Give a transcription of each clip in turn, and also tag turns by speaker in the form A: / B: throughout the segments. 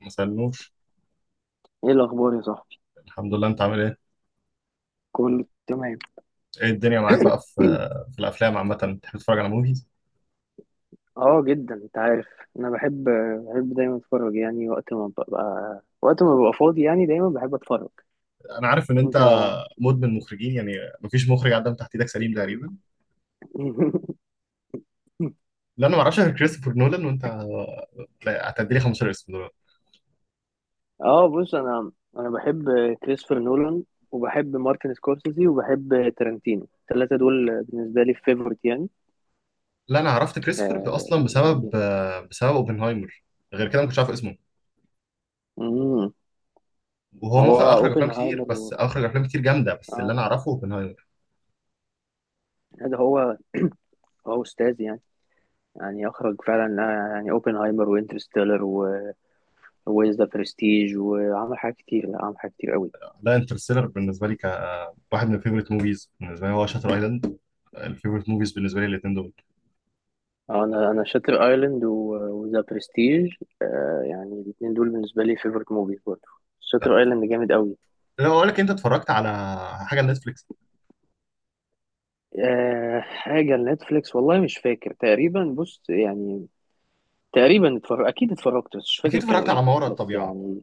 A: ما سألنوش.
B: ايه الاخبار يا صاحبي؟
A: الحمد لله، انت عامل ايه؟
B: كله تمام.
A: ايه الدنيا معاك بقى في في الافلام عامه، بتحب تتفرج على موفيز؟
B: اه، جدا، انت عارف. انا بحب دايما اتفرج، يعني وقت ما ببقى فاضي، يعني دايما بحب اتفرج.
A: انا عارف ان انت
B: انت.
A: مدمن مخرجين يعني، مفيش مخرج عدى من تحت ايدك سليم تقريبا. لا، انا ما اعرفش غير كريستوفر نولان، وانت لا، هتدي لي 15 اسم دول.
B: اه، بص. انا بحب كريستوفر نولان، وبحب مارتن سكورسيزي، وبحب تارانتينو. الثلاثه دول بالنسبه لي فيفورت يعني.
A: لا، انا عرفت كريستوفر ده
B: آه،
A: اصلا بسبب
B: جامدين.
A: اوبنهايمر. غير كده ما كنتش عارف اسمه.
B: امم.
A: وهو
B: هو
A: مخرج
B: اوبنهايمر و...
A: اخرج افلام كتير جامده، بس اللي
B: اه،
A: انا اعرفه اوبنهايمر.
B: ده هو استاذ يعني. يعني اخرج فعلا، آه، يعني اوبنهايمر، وانترستيلر، ويز ذا برستيج، وعمل حاجات كتير. لا، عمل حاجات كتير قوي.
A: لا، انترستيلر بالنسبه لي كواحد من الفيفوريت موفيز، بالنسبه لي هو شاتر ايلاند. الفيفوريت موفيز بالنسبه لي الاثنين دول.
B: اه، انا شاتر ايلاند وذا برستيج. آه، يعني الاثنين دول بالنسبه لي فيفورت موفيز برضه. شاتر ايلاند جامد قوي.
A: لو اقول لك انت اتفرجت على حاجه نتفليكس؟
B: آه، حاجه نتفليكس، والله مش فاكر تقريبا. بص يعني، تقريبا اتفرج، اكيد اتفرجت، بس مش فاكر
A: اكيد
B: كانوا
A: اتفرجت على
B: ايه،
A: ما وراء
B: بس
A: الطبيعه.
B: يعني.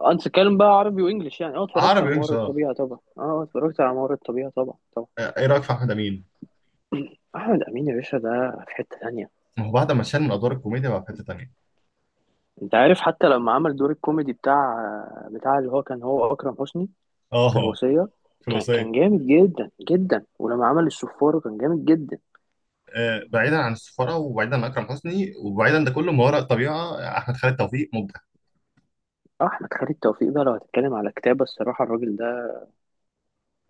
B: آه، انت تتكلم بقى عربي وانجلش يعني. اه اتفرجت
A: عربي
B: على
A: انجلش،
B: ممر
A: آه.
B: الطبيعه طبعا. اتفرجت على ممر الطبيعه طبعا، طبعا.
A: ايه رايك في احمد امين؟
B: احمد امين يا باشا ده في حته ثانيه.
A: ما هو بعد ما شال من ادوار الكوميديا بقى في حته تانيه.
B: انت عارف، حتى لما عمل دور الكوميدي بتاع اللي هو، كان هو اكرم حسني، في
A: اه،
B: الوصية،
A: في
B: كان
A: الوصيه.
B: جامد جدا جدا. ولما عمل السفارة كان جامد جدا.
A: آه، بعيدا عن السفاره وبعيدا عن اكرم حسني وبعيدا ده كله، ما وراء الطبيعه احمد خالد توفيق مبدع.
B: آه، احمد خالد توفيق بقى، لو هتتكلم على كتابة، الصراحة الراجل ده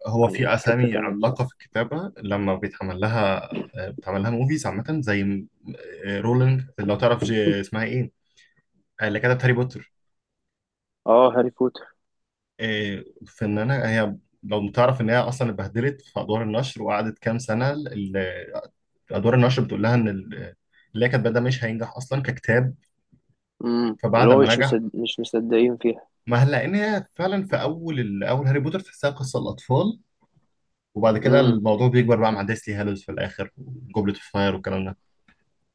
A: هو
B: يعني
A: في
B: في حتة
A: اسامي
B: تانية
A: عملاقه في
B: بصراحة.
A: الكتابه لما بيتعمل لها، بيتعمل لها موفيز عامه، زي رولينج، لو تعرف، اسمها ايه، اللي كتبت هاري بوتر.
B: اه، هاري بوتر.
A: إيه، فنانة هي. لو تعرف ان هي اصلا اتبهدلت في ادوار النشر، وقعدت كام سنه ادوار النشر بتقول لها ان اللي هي كاتباه ده مش هينجح اصلا ككتاب.
B: امم، اللي
A: فبعد
B: هو
A: ما نجح
B: مش مصدقين فيها.
A: ما هل، لان هي فعلا في اول اول هاري بوتر تحسها قصه الاطفال، وبعد كده
B: امم.
A: الموضوع بيكبر بقى مع ديسلي هالوز في الاخر وجوبلت اوف فاير والكلام ده.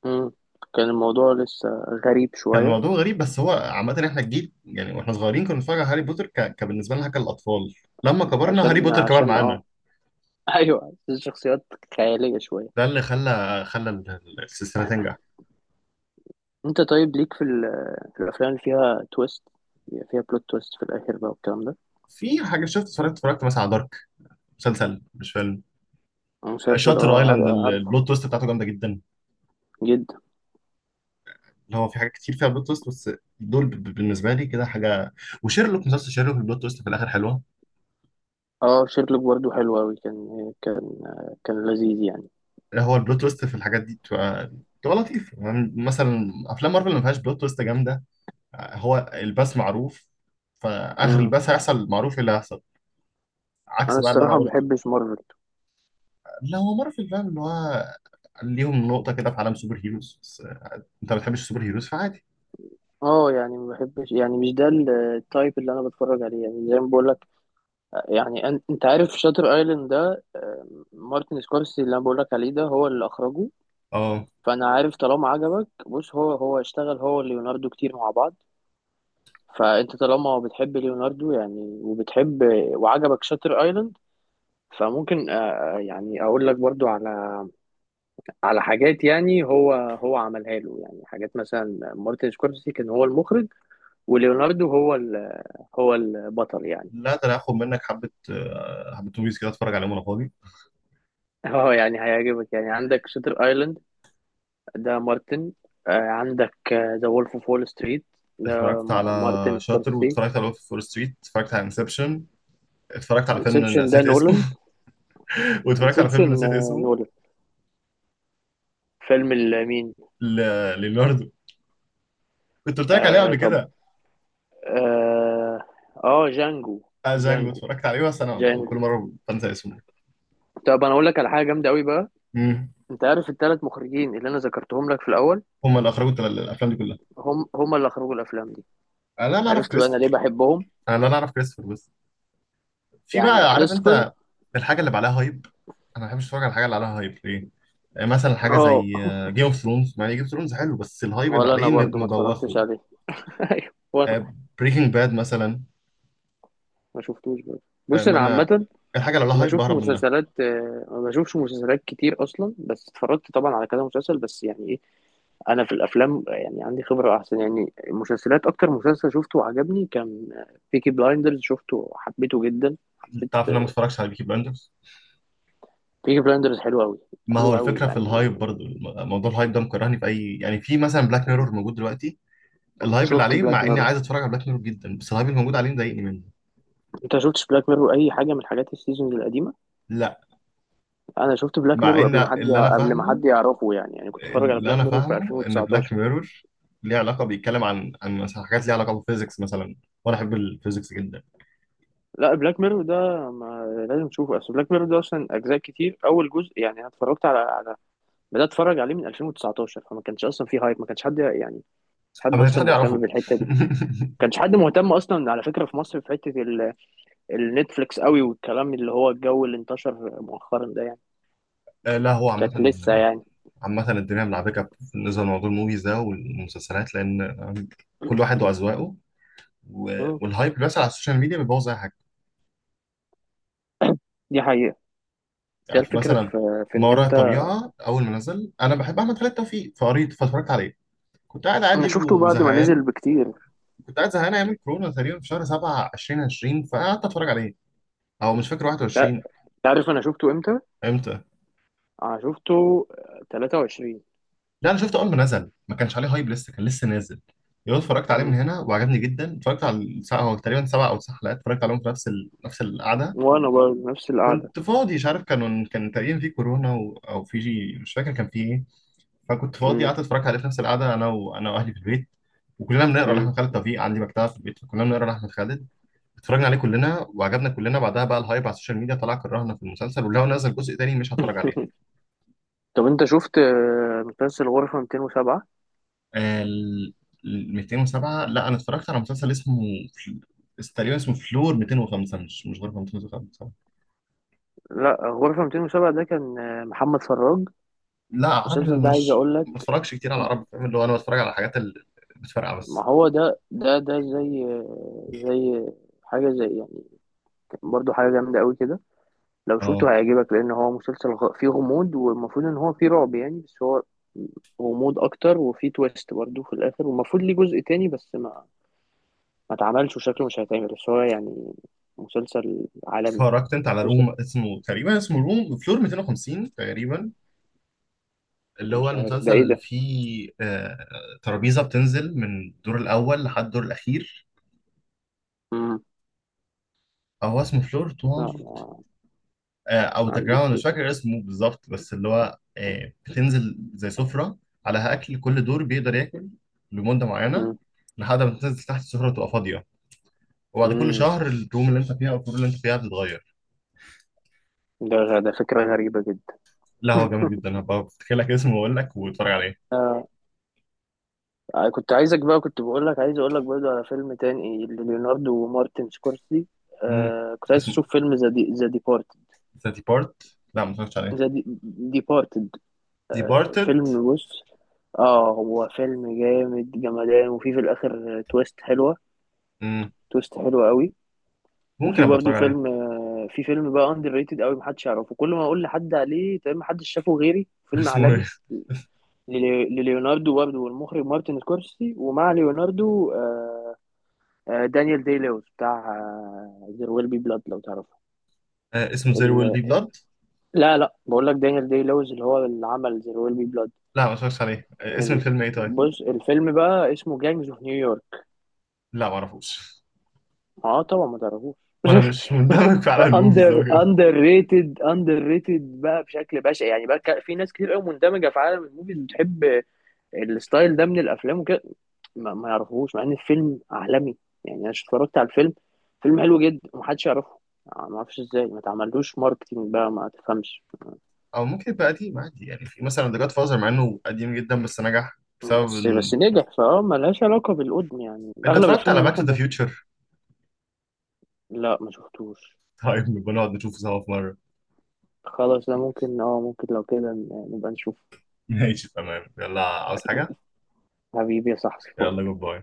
B: امم. كان الموضوع لسه غريب
A: كان
B: شوية.
A: الموضوع غريب، بس هو عامه احنا الجيل يعني، واحنا صغيرين كنا بنتفرج على هاري بوتر كبالنسبه لنا حاجه الاطفال. لما كبرنا هاري
B: عشان
A: بوتر كبر
B: عشان
A: معانا.
B: اه. ايوه، الشخصيات خيالية شوية.
A: ده اللي خلى السلسله تنجح.
B: انت طيب ليك في الافلام اللي فيها تويست، بيبقى فيها بلوت تويست في الاخر بقى والكلام ده.
A: في حاجه اتفرجت مثلا على دارك، مسلسل مش فيلم.
B: مسلسل،
A: شاتر ايلاند
B: عارفه.
A: البلوت تويست بتاعته جامده جدا.
B: جدا.
A: اللي هو في حاجات كتير فيها بلوت تويست، بس دول بالنسبه لي كده حاجه. وشيرلوك، مسلسل شيرلوك البلوت تويست في الاخر حلوه.
B: اه، شيرلوك برضه حلو اوي. كان لذيذ يعني.
A: هو البلوت تويست في الحاجات دي بتبقى لطيف، يعني مثلا افلام مارفل اللي ما فيهاش بلوت تويست جامده. هو الباس معروف، فاخر
B: امم.
A: الباس هيحصل معروف إيه اللي هيحصل،
B: انا
A: عكس بقى اللي انا
B: الصراحه ما
A: قلته.
B: بحبش مارفل.
A: لا، هو مارفل فاهم اللي هو ليهم نقطه كده في عالم سوبر هيروز، بس انت ما بتحبش السوبر هيروز فعادي.
B: اه، يعني ما بحبش، يعني مش ده التايب اللي انا بتفرج عليه، يعني زي ما بقول لك. يعني انت عارف شاتر ايلاند ده، آه، مارتن سكورسي اللي انا بقول لك عليه، ده هو اللي اخرجه.
A: اه،
B: فانا عارف، طالما عجبك، بص، هو اشتغل هو وليوناردو كتير مع بعض. فانت طالما بتحب ليوناردو يعني، وبتحب وعجبك شاتر ايلاند، فممكن، يعني اقول لك برضو على، على حاجات، يعني هو عملها له. يعني حاجات، مثلا مارتن سكورسي كان هو المخرج، وليوناردو هو هو البطل يعني.
A: لا، ده انا هاخد منك حبه موفيز كده اتفرج عليهم وانا فاضي.
B: اه، يعني هيعجبك. يعني عندك شاتر ايلاند، ده مارتن. آه، عندك ذا وولف اوف وول ستريت، ده
A: اتفرجت على
B: مارتن
A: شاتر،
B: سكورسي.
A: واتفرجت على وولف فول ستريت، اتفرجت على انسبشن، اتفرجت على فيلم
B: انسبشن ده
A: نسيت اسمه
B: نولان.
A: واتفرجت على
B: انسبشن،
A: فيلم نسيت اسمه
B: نولان. فيلم مين؟
A: ل... ليوناردو، كنت قلت لك عليه قبل
B: آه.
A: كده.
B: اه. آه، جانجو.
A: آه، جانجو،
B: جانجو.
A: اتفرجت عليه بس انا
B: جانجو.
A: كل مره بنسى اسمه.
B: طب انا اقول لك على حاجه جامده قوي بقى.
A: امم.
B: انت عارف الثلاث مخرجين اللي انا ذكرتهم لك في الاول،
A: هم اللي اخرجوا الافلام دي كلها.
B: هم اللي اخرجوا الافلام دي.
A: انا لا اعرف
B: عرفت بقى انا ليه
A: كريستوفر
B: بحبهم؟
A: انا لا اعرف كريستوفر. بس في
B: يعني
A: بقى، عارف
B: كريستوفر.
A: انت، الحاجه اللي بقى عليها هايب، انا ما بحبش اتفرج على الحاجه اللي عليها هايب، ليه؟ مثلا حاجه زي
B: اه.
A: جيم اوف ثرونز، مع ان جيم اوف ثرونز حلو بس الهايب اللي
B: ولا انا
A: عليه
B: برضو ما اتفرجتش
A: مبوخه.
B: عليه. ايوه، وانا
A: بريكنج باد مثلا،
B: ما شفتوش برضو. بص
A: ما
B: انا
A: انا
B: عامه،
A: الحاجه اللي لها هايب بهرب منها.
B: ما بشوفش مسلسلات كتير اصلا، بس اتفرجت طبعا على كذا مسلسل، بس يعني ايه، انا في الافلام يعني عندي خبره احسن يعني. المسلسلات، اكتر مسلسل شفته وعجبني كان بيكي بلايندرز، شفته حبيته جدا، حبيت
A: تعرف ان انا ما اتفرجش على بيكي بلاندرز؟
B: بيكي بلايندرز، حلو قوي.
A: ما هو
B: حلو قوي
A: الفكره في
B: يعني.
A: الهايب برضو موضوع الهايب ده مكرهني في اي، يعني في مثلا بلاك ميرور موجود دلوقتي، الهايب اللي
B: شفت
A: عليه،
B: بلاك
A: مع اني
B: ميرور؟
A: عايز اتفرج على بلاك ميرور جدا بس الهايب اللي موجود عليه مضايقني منه.
B: انت شفتش بلاك ميرور اي حاجه من حاجات السيزونز القديمه؟
A: لا.
B: انا شفت بلاك
A: مع
B: ميرور قبل ما
A: ان
B: حد
A: اللي انا
B: قبل ما
A: فاهمه
B: حد يعرفه، يعني كنت اتفرج على
A: اللي
B: بلاك
A: انا
B: ميرور في
A: فاهمه ان بلاك
B: 2019.
A: ميرور ليه علاقه، بيتكلم عن مثلا حاجات ليها علاقه بالفيزيكس مثلا، وانا احب الفيزيكس جدا.
B: لا، بلاك ميرور ده ما لازم تشوفه، اصل بلاك ميرور ده اصلا اجزاء كتير. اول جزء، يعني انا اتفرجت على، بدات اتفرج عليه من 2019، فما كانش اصلا فيه هايب، ما كانش حد يعني، حد
A: ما كانش
B: اصلا
A: حد
B: مهتم
A: يعرفه.
B: بالحته دي. ما كانش حد مهتم اصلا على فكره في مصر، في حته النتفليكس قوي، والكلام اللي هو الجو اللي انتشر مؤخرا ده يعني
A: آه، لا، هو عامة،
B: كانت لسه يعني.
A: عامة الدنيا ملعبكة بالنسبة لموضوع الموفيز ده والمسلسلات لأن كل واحد وأذواقه،
B: مم.
A: والهايب اللي بيحصل على السوشيال ميديا بيبوظ أي حاجة.
B: دي حقيقه. هي
A: يعني
B: الفكره،
A: مثلا
B: في
A: ما
B: ان
A: وراء
B: انت.
A: الطبيعة أول ما نزل أنا بحب أحمد خالد توفيق، فقريت فاتفرجت عليه. كنت قاعد
B: انا
A: عادي
B: شفته بعد ما نزل
A: وزهقان،
B: بكتير.
A: كنت قاعد زهقان أيام الكورونا تقريبا في شهر 7 2020 فقعدت أتفرج عليه، أو مش فاكر
B: لا،
A: 21.
B: تعرف انا شفته امتى؟
A: امتى؟
B: انا شفته 23.
A: لا، انا شفته اول ما نزل ما كانش عليه هايب لسه، كان لسه نازل يوم اتفرجت عليه من
B: مم.
A: هنا، وعجبني جدا. اتفرجت على الساعه هو تقريبا سبع او تسع حلقات، اتفرجت عليهم في نفس نفس القعده.
B: وانا برضه نفس القعده.
A: كنت فاضي، مش عارف كانوا، كان تقريبا في كورونا او في مش فاكر كان في ايه. فكنت فاضي،
B: مم.
A: قعدت اتفرجت عليه في نفس القعده انا، واهلي في البيت، وكلنا بنقرا لاحمد
B: مم.
A: خالد توفيق، عندي مكتبه في البيت فكلنا بنقرا لاحمد خالد. اتفرجنا عليه كلنا وعجبنا كلنا، بعدها بقى الهايب على السوشيال ميديا طلع كرهنا في المسلسل، ولو نزل جزء تاني مش هتفرج عليه.
B: طب انت شفت، آه، مسلسل غرفة 207؟
A: ال 207، لا. انا اتفرجت على مسلسل اسمه تقريبا اسمه فلور 205، مش غير 205.
B: لا، غرفة 207 ده كان، آه، محمد فراج.
A: لا، عربي
B: المسلسل
A: انا
B: ده عايز
A: مش،
B: اقول لك.
A: ما بتفرجش كتير على عربي، فاهم اللي هو انا بتفرج على الحاجات اللي بتفرقع
B: ما
A: بس.
B: هو ده، زي، حاجة زي يعني، برضو حاجة جامدة قوي كده. لو
A: اه.
B: شفته هيعجبك، لأن هو مسلسل فيه غموض، والمفروض إن هو فيه رعب يعني، بس هو غموض أكتر، وفيه تويست برضو في الآخر. والمفروض ليه جزء تاني، بس ما اتعملش وشكله مش هيتعمل، بس هو يعني مسلسل عالمي.
A: اتفرجت انت على
B: مسلسل.
A: روم، اسمه تقريبا اسمه روم فلور 250 تقريبا، اللي هو
B: مش عارف ده
A: المسلسل
B: إيه
A: اللي
B: ده؟
A: فيه، ترابيزة بتنزل من الدور الاول لحد الدور الاخير.
B: مم.
A: هو اسمه فلور،
B: لا، ما
A: او ذا
B: عنديش
A: جراوند، مش
B: فكرة.
A: فاكر اسمه بالظبط بس اللي هو، بتنزل زي سفره عليها اكل، كل دور بيقدر ياكل لمده معينه
B: مم.
A: لحد ما تنزل تحت السفره تبقى فاضيه، وبعد كل
B: مم.
A: شهر الروم اللي انت فيها او الفلور اللي انت فيها بتتغير.
B: ده فكرة غريبة
A: لا، هو جامد جدا، هبقى افتكر لك اسمه واقول لك واتفرج عليه.
B: جدا. آه، كنت عايزك بقى، كنت بقول لك، عايز اقول لك برضه على فيلم تاني لليوناردو ومارتن سكورسي.
A: امم.
B: آه، كنت عايز
A: اسمه
B: اشوف فيلم ذا ديبارتد.
A: ذا ديبارت. لا، ما اتفرجتش عليه.
B: ذا ديبارتد،
A: ديبارتد.
B: فيلم. بص، اه، هو فيلم جامد جمدان، وفي الاخر تويست حلوه،
A: امم.
B: تويست حلوه قوي.
A: ممكن
B: وفي
A: ابقى
B: برضه
A: اتفرج عليه.
B: فيلم، في فيلم بقى اندر ريتد قوي، محدش يعرفه. كل ما اقول لحد عليه تمام، محدش شافه غيري، فيلم
A: اسمه
B: عالمي.
A: ايه؟
B: لليوناردو برضه، والمخرج مارتن سكورسي، ومع ليوناردو، آه، آه، دانيال داي لويس، بتاع زير ويل بي بلاد لو تعرفه.
A: آه، اسمه زير ويل
B: ال...
A: بي بلاد.
B: لا لا، بقول لك دانيال داي لويس اللي هو اللي عمل زير ويل بي بلاد.
A: لا، ما اتفرجتش عليه. اسم
B: ال...
A: الفيلم ايه طيب؟
B: بص، الفيلم بقى اسمه جانجز اوف نيويورك.
A: لا، ما اعرفوش.
B: اه، طبعا ما تعرفوش.
A: وانا مش مندمج في عالم الموفيز
B: اندر
A: أوي كده.
B: اندر ريتد، اندر ريتد بقى بشكل بشع يعني بقى في ناس كتير قوي مندمجه في عالم الموفيز بتحب الستايل ده من الافلام وكده. ما يعرفوهوش، مع ان الفيلم عالمي، يعني انا اتفرجت على الفيلم، فيلم حلو جدا ومحدش يعرفه. آه، ما اعرفش ازاي ما اتعملوش ماركتينج بقى، ما تفهمش.
A: او ممكن يبقى قديم عادي، يعني في مثلا ذا جاد فازر مع انه قديم جدا بس نجح، بسبب
B: بس
A: ان
B: نجح. فاه ملهاش علاقه بالقدم، يعني
A: انت
B: اغلب
A: اتفرجت
B: الافلام
A: على
B: اللي
A: باك تو
B: احنا
A: ذا فيوتشر؟
B: لا، ما شفتوش.
A: طيب نبقى نقعد نشوفه سوا في مره.
B: خلاص ده ممكن، ممكن لو كده نبقى نشوف.
A: ماشي، تمام، يلا، عاوز حاجه؟
B: حبيبي يا صاحبي، فاضي.
A: يلا، جود باي.